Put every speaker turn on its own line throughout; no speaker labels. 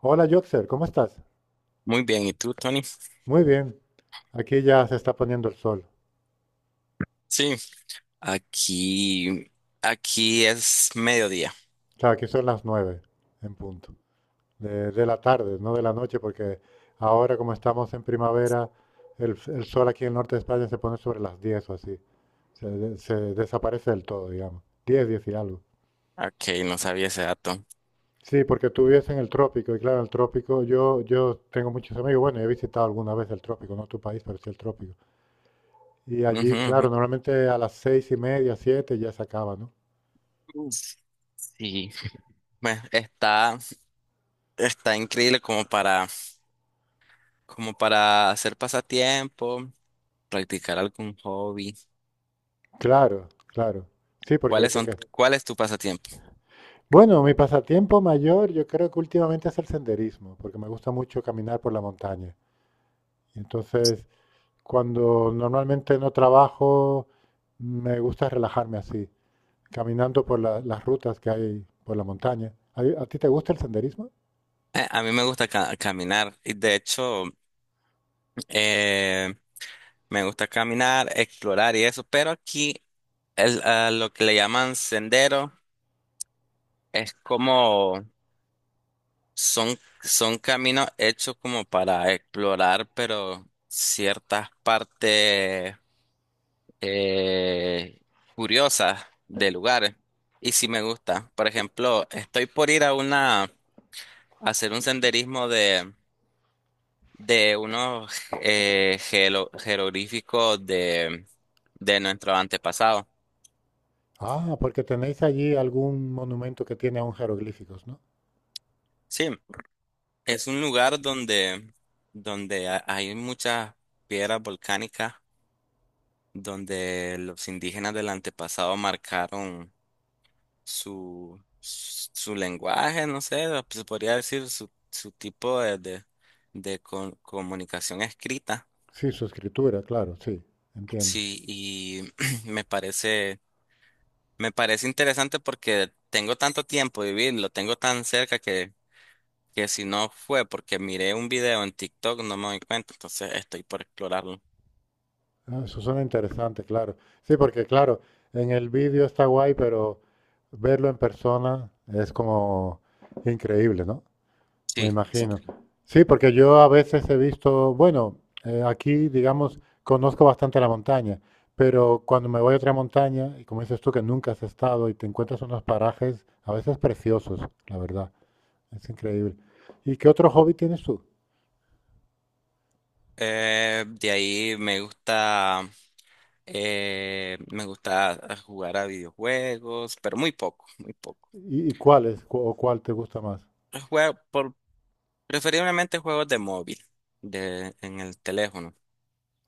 Hola, Yotzer, ¿cómo estás?
Muy bien, ¿y tú, Tony?
Muy bien. Aquí ya se está poniendo el sol.
Sí, aquí, aquí es mediodía.
O sea, aquí son las 9 en punto de la tarde, no de la noche, porque ahora como estamos en primavera, el sol aquí en el norte de España se pone sobre las 10 o así. Se desaparece del todo, digamos. 10, 10 y algo.
Ok, no sabía ese dato.
Sí, porque tú vives en el trópico, y claro, en el trópico yo tengo muchos amigos, bueno, he visitado alguna vez el trópico, no tu país, pero sí el trópico. Y
Ujú,
allí,
ujú.
claro, normalmente a las 6 y media, 7 ya se acaba, ¿no?
Uf. Sí, bueno, está increíble como para hacer pasatiempo, practicar algún hobby.
Claro, claro. Sí, porque te que-
¿Cuál es tu pasatiempo?
Bueno, mi pasatiempo mayor yo creo que últimamente es el senderismo, porque me gusta mucho caminar por la montaña. Y entonces, cuando normalmente no trabajo, me gusta relajarme así, caminando por las rutas que hay por la montaña. ¿A ti te gusta el senderismo?
A mí me gusta caminar y de hecho, eh, me gusta caminar, explorar y eso, pero aquí lo que le llaman sendero es como… son caminos hechos como para explorar, pero ciertas partes eh, curiosas de lugares. Y sí me gusta. Por ejemplo, estoy por ir a una, a hacer un senderismo de unos jeroglíficos de nuestro antepasado.
Ah, porque tenéis allí algún monumento que tiene aún jeroglíficos, ¿no?
Sí, es un lugar donde hay muchas piedras volcánicas donde los indígenas del antepasado marcaron su lenguaje, no sé, se podría decir su tipo de comunicación escrita.
Sí, su escritura, claro, sí, entiendo.
Sí, y me parece, me parece interesante porque tengo tanto tiempo de vivirlo, tengo tan cerca que si no fue porque miré un video en TikTok no me doy cuenta, entonces estoy por explorarlo.
Ah, eso suena interesante, claro. Sí, porque claro, en el vídeo está guay, pero verlo en persona es como increíble, ¿no? Me
Sí, es
imagino.
increíble.
Sí, porque yo a veces he visto, bueno, aquí, digamos, conozco bastante la montaña, pero cuando me voy a otra montaña, y como dices tú que nunca has estado y te encuentras unos parajes a veces preciosos, la verdad, es increíble. ¿Y qué otro hobby tienes tú?
De ahí me gusta. Me gusta jugar a videojuegos, pero muy poco, muy poco.
¿Y cuál es, cu- o cuál te gusta más?
Juego por, Preferiblemente juegos de móvil, de, en el teléfono.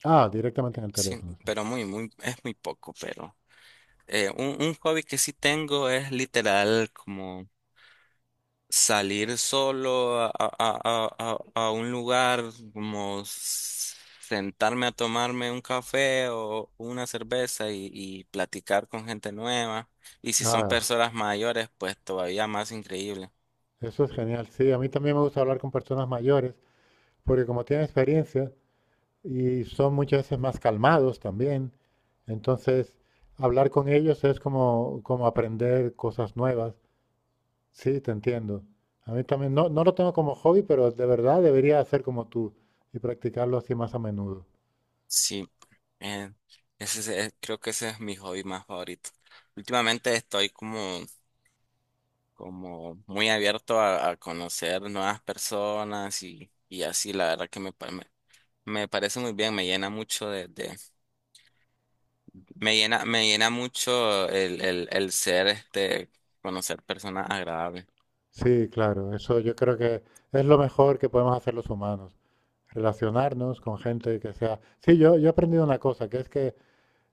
Ah, directamente en el
Sí,
teléfono, sí.
pero muy, muy, es muy poco, pero un hobby que sí tengo es literal como salir solo a, a un lugar, como sentarme a tomarme un café o una cerveza y platicar con gente nueva. Y si son
Ah,
personas mayores, pues todavía más increíble.
eso es genial. Sí, a mí también me gusta hablar con personas mayores, porque como tienen experiencia y son muchas veces más calmados también, entonces hablar con ellos es como, como aprender cosas nuevas. Sí, te entiendo. A mí también, no, no lo tengo como hobby, pero de verdad debería hacer como tú y practicarlo así más a menudo.
Sí, eh, creo que ese es mi hobby más favorito. Últimamente estoy como muy abierto a conocer nuevas personas y así, la verdad que me parece muy bien, me llena mucho. Me llena mucho el ser, este, conocer personas agradables.
Sí, claro, eso yo creo que es lo mejor que podemos hacer los humanos, relacionarnos con gente que sea. Sí, yo he aprendido una cosa, que es que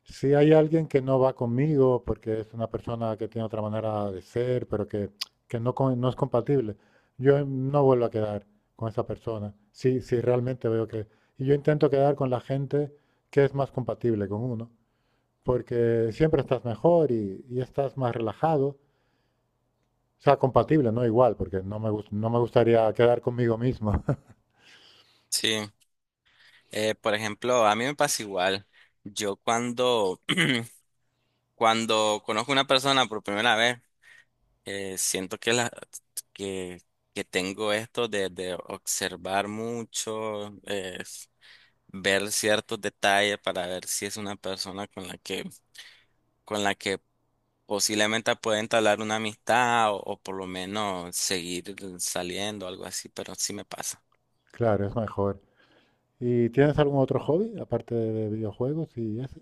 si hay alguien que no va conmigo porque es una persona que tiene otra manera de ser, pero que no, no es compatible, yo no vuelvo a quedar con esa persona. Si, si realmente veo que. Y yo intento quedar con la gente que es más compatible con uno, porque siempre estás mejor y estás más relajado. O sea, compatible, no igual, porque no no me gustaría quedar conmigo mismo.
Sí, por ejemplo, a mí me pasa igual. Yo cuando, Cuando conozco una persona por primera vez, siento que, que tengo esto de observar mucho, ver ciertos detalles para ver si es una persona con la que… Con la que posiblemente pueda entablar una amistad o por lo menos seguir saliendo, algo así, pero sí me pasa.
Claro, es mejor. ¿Y tienes algún otro hobby aparte de videojuegos y eso?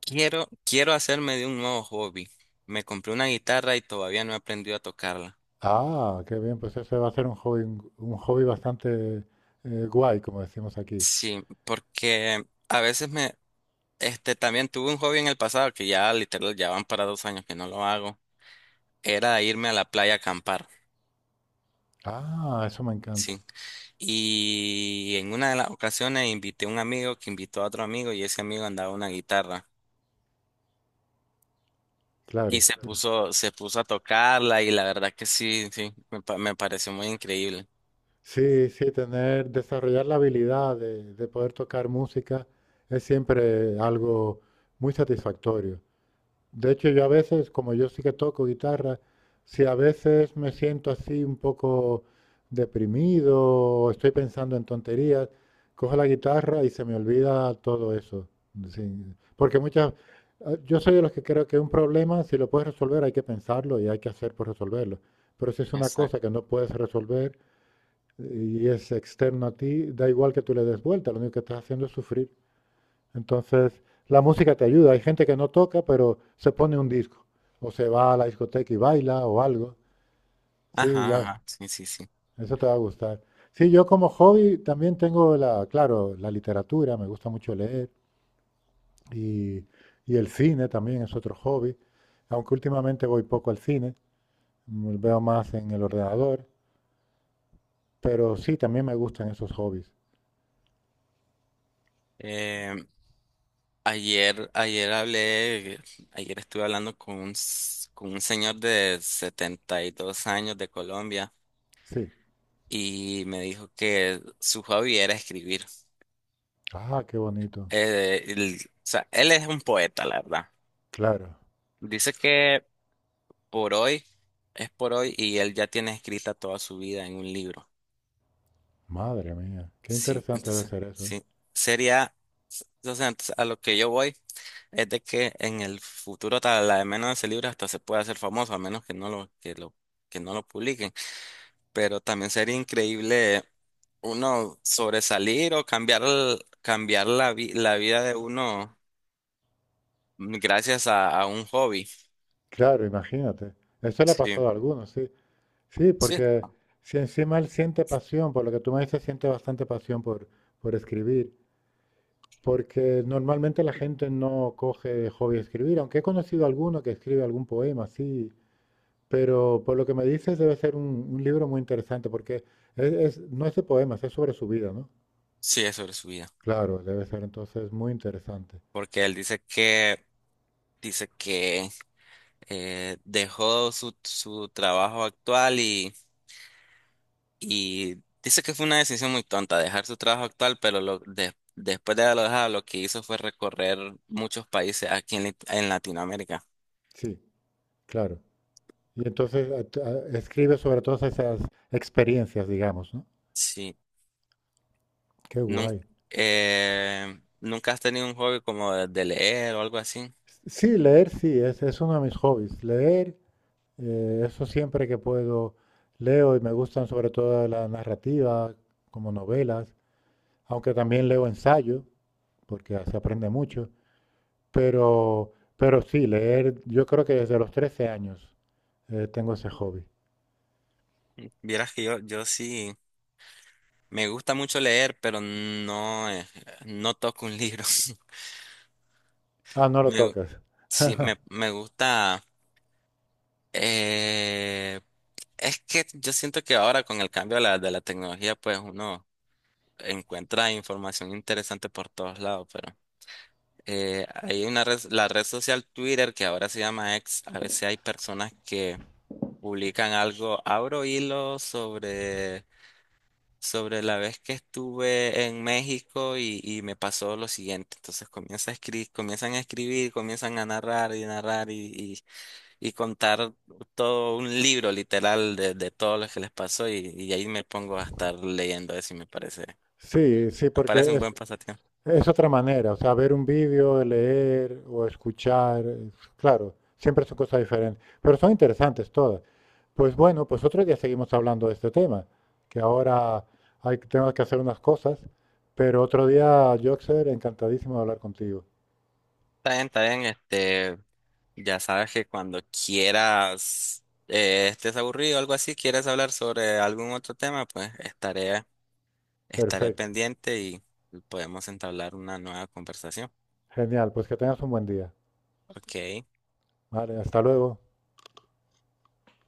Quiero hacerme de un nuevo hobby. Me compré una guitarra y todavía no he aprendido a tocarla.
Ah, qué bien, pues ese va a ser un hobby bastante guay, como decimos aquí.
Sí, porque a veces este, también tuve un hobby en el pasado que ya literal ya van para dos años que no lo hago. Era irme a la playa a acampar,
Ah, eso me encanta,
sí. Y en una de las ocasiones invité a un amigo que invitó a otro amigo y ese amigo andaba una guitarra. Y
claro. Sí,
se puso a tocarla y la verdad que sí, sí, me pareció muy increíble.
sí, sí, tener, desarrollar la habilidad de poder tocar música es siempre algo muy satisfactorio. De hecho, yo a veces, como yo sí que toco guitarra, si a veces me siento así un poco deprimido o estoy pensando en tonterías, cojo la guitarra y se me olvida todo eso. Sí, porque muchas, ah, yo soy de los que creo que un problema, si lo puedes resolver, hay que pensarlo y hay que hacer por resolverlo. Pero si es una cosa
Exacto.
que no puedes resolver y es externo a ti, da igual que tú le des vuelta, lo único que estás haciendo es sufrir. Entonces, la música te ayuda. Hay gente que no toca, pero se pone un disco. O se va a la discoteca y baila o algo. Sí,
Ajá,
ya,
ajá, sí, sí, sí.
eso te va a gustar. Sí, yo como hobby también tengo la, claro, la literatura, me gusta mucho leer y, y el cine también es otro hobby, aunque últimamente voy poco al cine, me veo más en el ordenador, pero sí, también me gustan esos hobbies.
Eh, ayer, ayer hablé, Ayer estuve hablando con un, con un señor de 72 años de Colombia,
Sí.
y me dijo que su hobby era escribir.
Ah, qué bonito.
O sea, él es un poeta, la verdad.
Claro.
Dice que por hoy, es por hoy, y él ya tiene escrita toda su vida en un libro.
Madre mía, qué
Sí,
interesante debe
entonces,
ser eso, ¿eh?
sí. Sería, o sea, entonces, a lo que yo voy es de que en el futuro tal, la de menos de ese libro hasta se puede hacer famoso, a menos que no lo, que lo, que no lo publiquen. Pero también sería increíble uno sobresalir o cambiar la vida de uno gracias a un hobby.
Claro, imagínate. Eso le ha
Sí,
pasado a algunos, sí. Sí,
sí,
porque si encima él siente pasión, por lo que tú me dices, siente bastante pasión por escribir, porque normalmente la gente no coge hobby escribir, aunque he conocido alguno que escribe algún poema, sí, pero por lo que me dices debe ser un libro muy interesante, porque es, no es de poemas, es sobre su vida, ¿no?
sí, es sobre su vida.
Claro, debe ser entonces muy interesante.
Porque él dice que dejó su trabajo actual. Y dice que fue una decisión muy tonta dejar su trabajo actual, pero después de haberlo dejado, lo que hizo fue recorrer muchos países aquí en, en Latinoamérica.
Sí, claro. Y entonces escribe sobre todas esas experiencias, digamos, ¿no?
Sí.
Qué
Nunca,
guay.
¿nunca has tenido un hobby como de leer o algo así?
Sí, leer sí, es uno de mis hobbies. Leer, eso siempre que puedo leo y me gustan sobre todo la narrativa, como novelas, aunque también leo ensayo, porque se aprende mucho, pero sí, leer, yo creo que desde los 13 años tengo ese hobby.
Vieras que yo sí, me gusta mucho leer, pero no, no toco un libro.
Ah, no lo
Me, gu-
tocas.
sí, me gusta. Eh, es que yo siento que ahora con el cambio de la tecnología, pues uno encuentra información interesante por todos lados, pero hay una red, la red social Twitter, que ahora se llama X, a veces hay personas que publican algo, abro hilo sobre la vez que estuve en México y me pasó lo siguiente, entonces comienzan a escribir, comienzan a narrar y narrar y contar todo un libro literal de todo lo que les pasó y ahí me pongo a estar leyendo eso y me parece…
Sí, sí,
me
porque
parece un buen pasatiempo.
es otra manera, o sea, ver un vídeo, leer o escuchar, claro, siempre son cosas diferentes, pero son interesantes todas. Pues bueno, pues otro día seguimos hablando de este tema, que ahora hay, tengo que hacer unas cosas, pero otro día, Joxer, encantadísimo de hablar contigo.
Está bien, este, ya sabes que cuando quieras, estés aburrido o algo así, quieres hablar sobre algún otro tema, pues estaré
Perfecto,
pendiente y podemos entablar una nueva conversación.
genial, pues que tengas un buen día.
Ok.
Vale, hasta luego.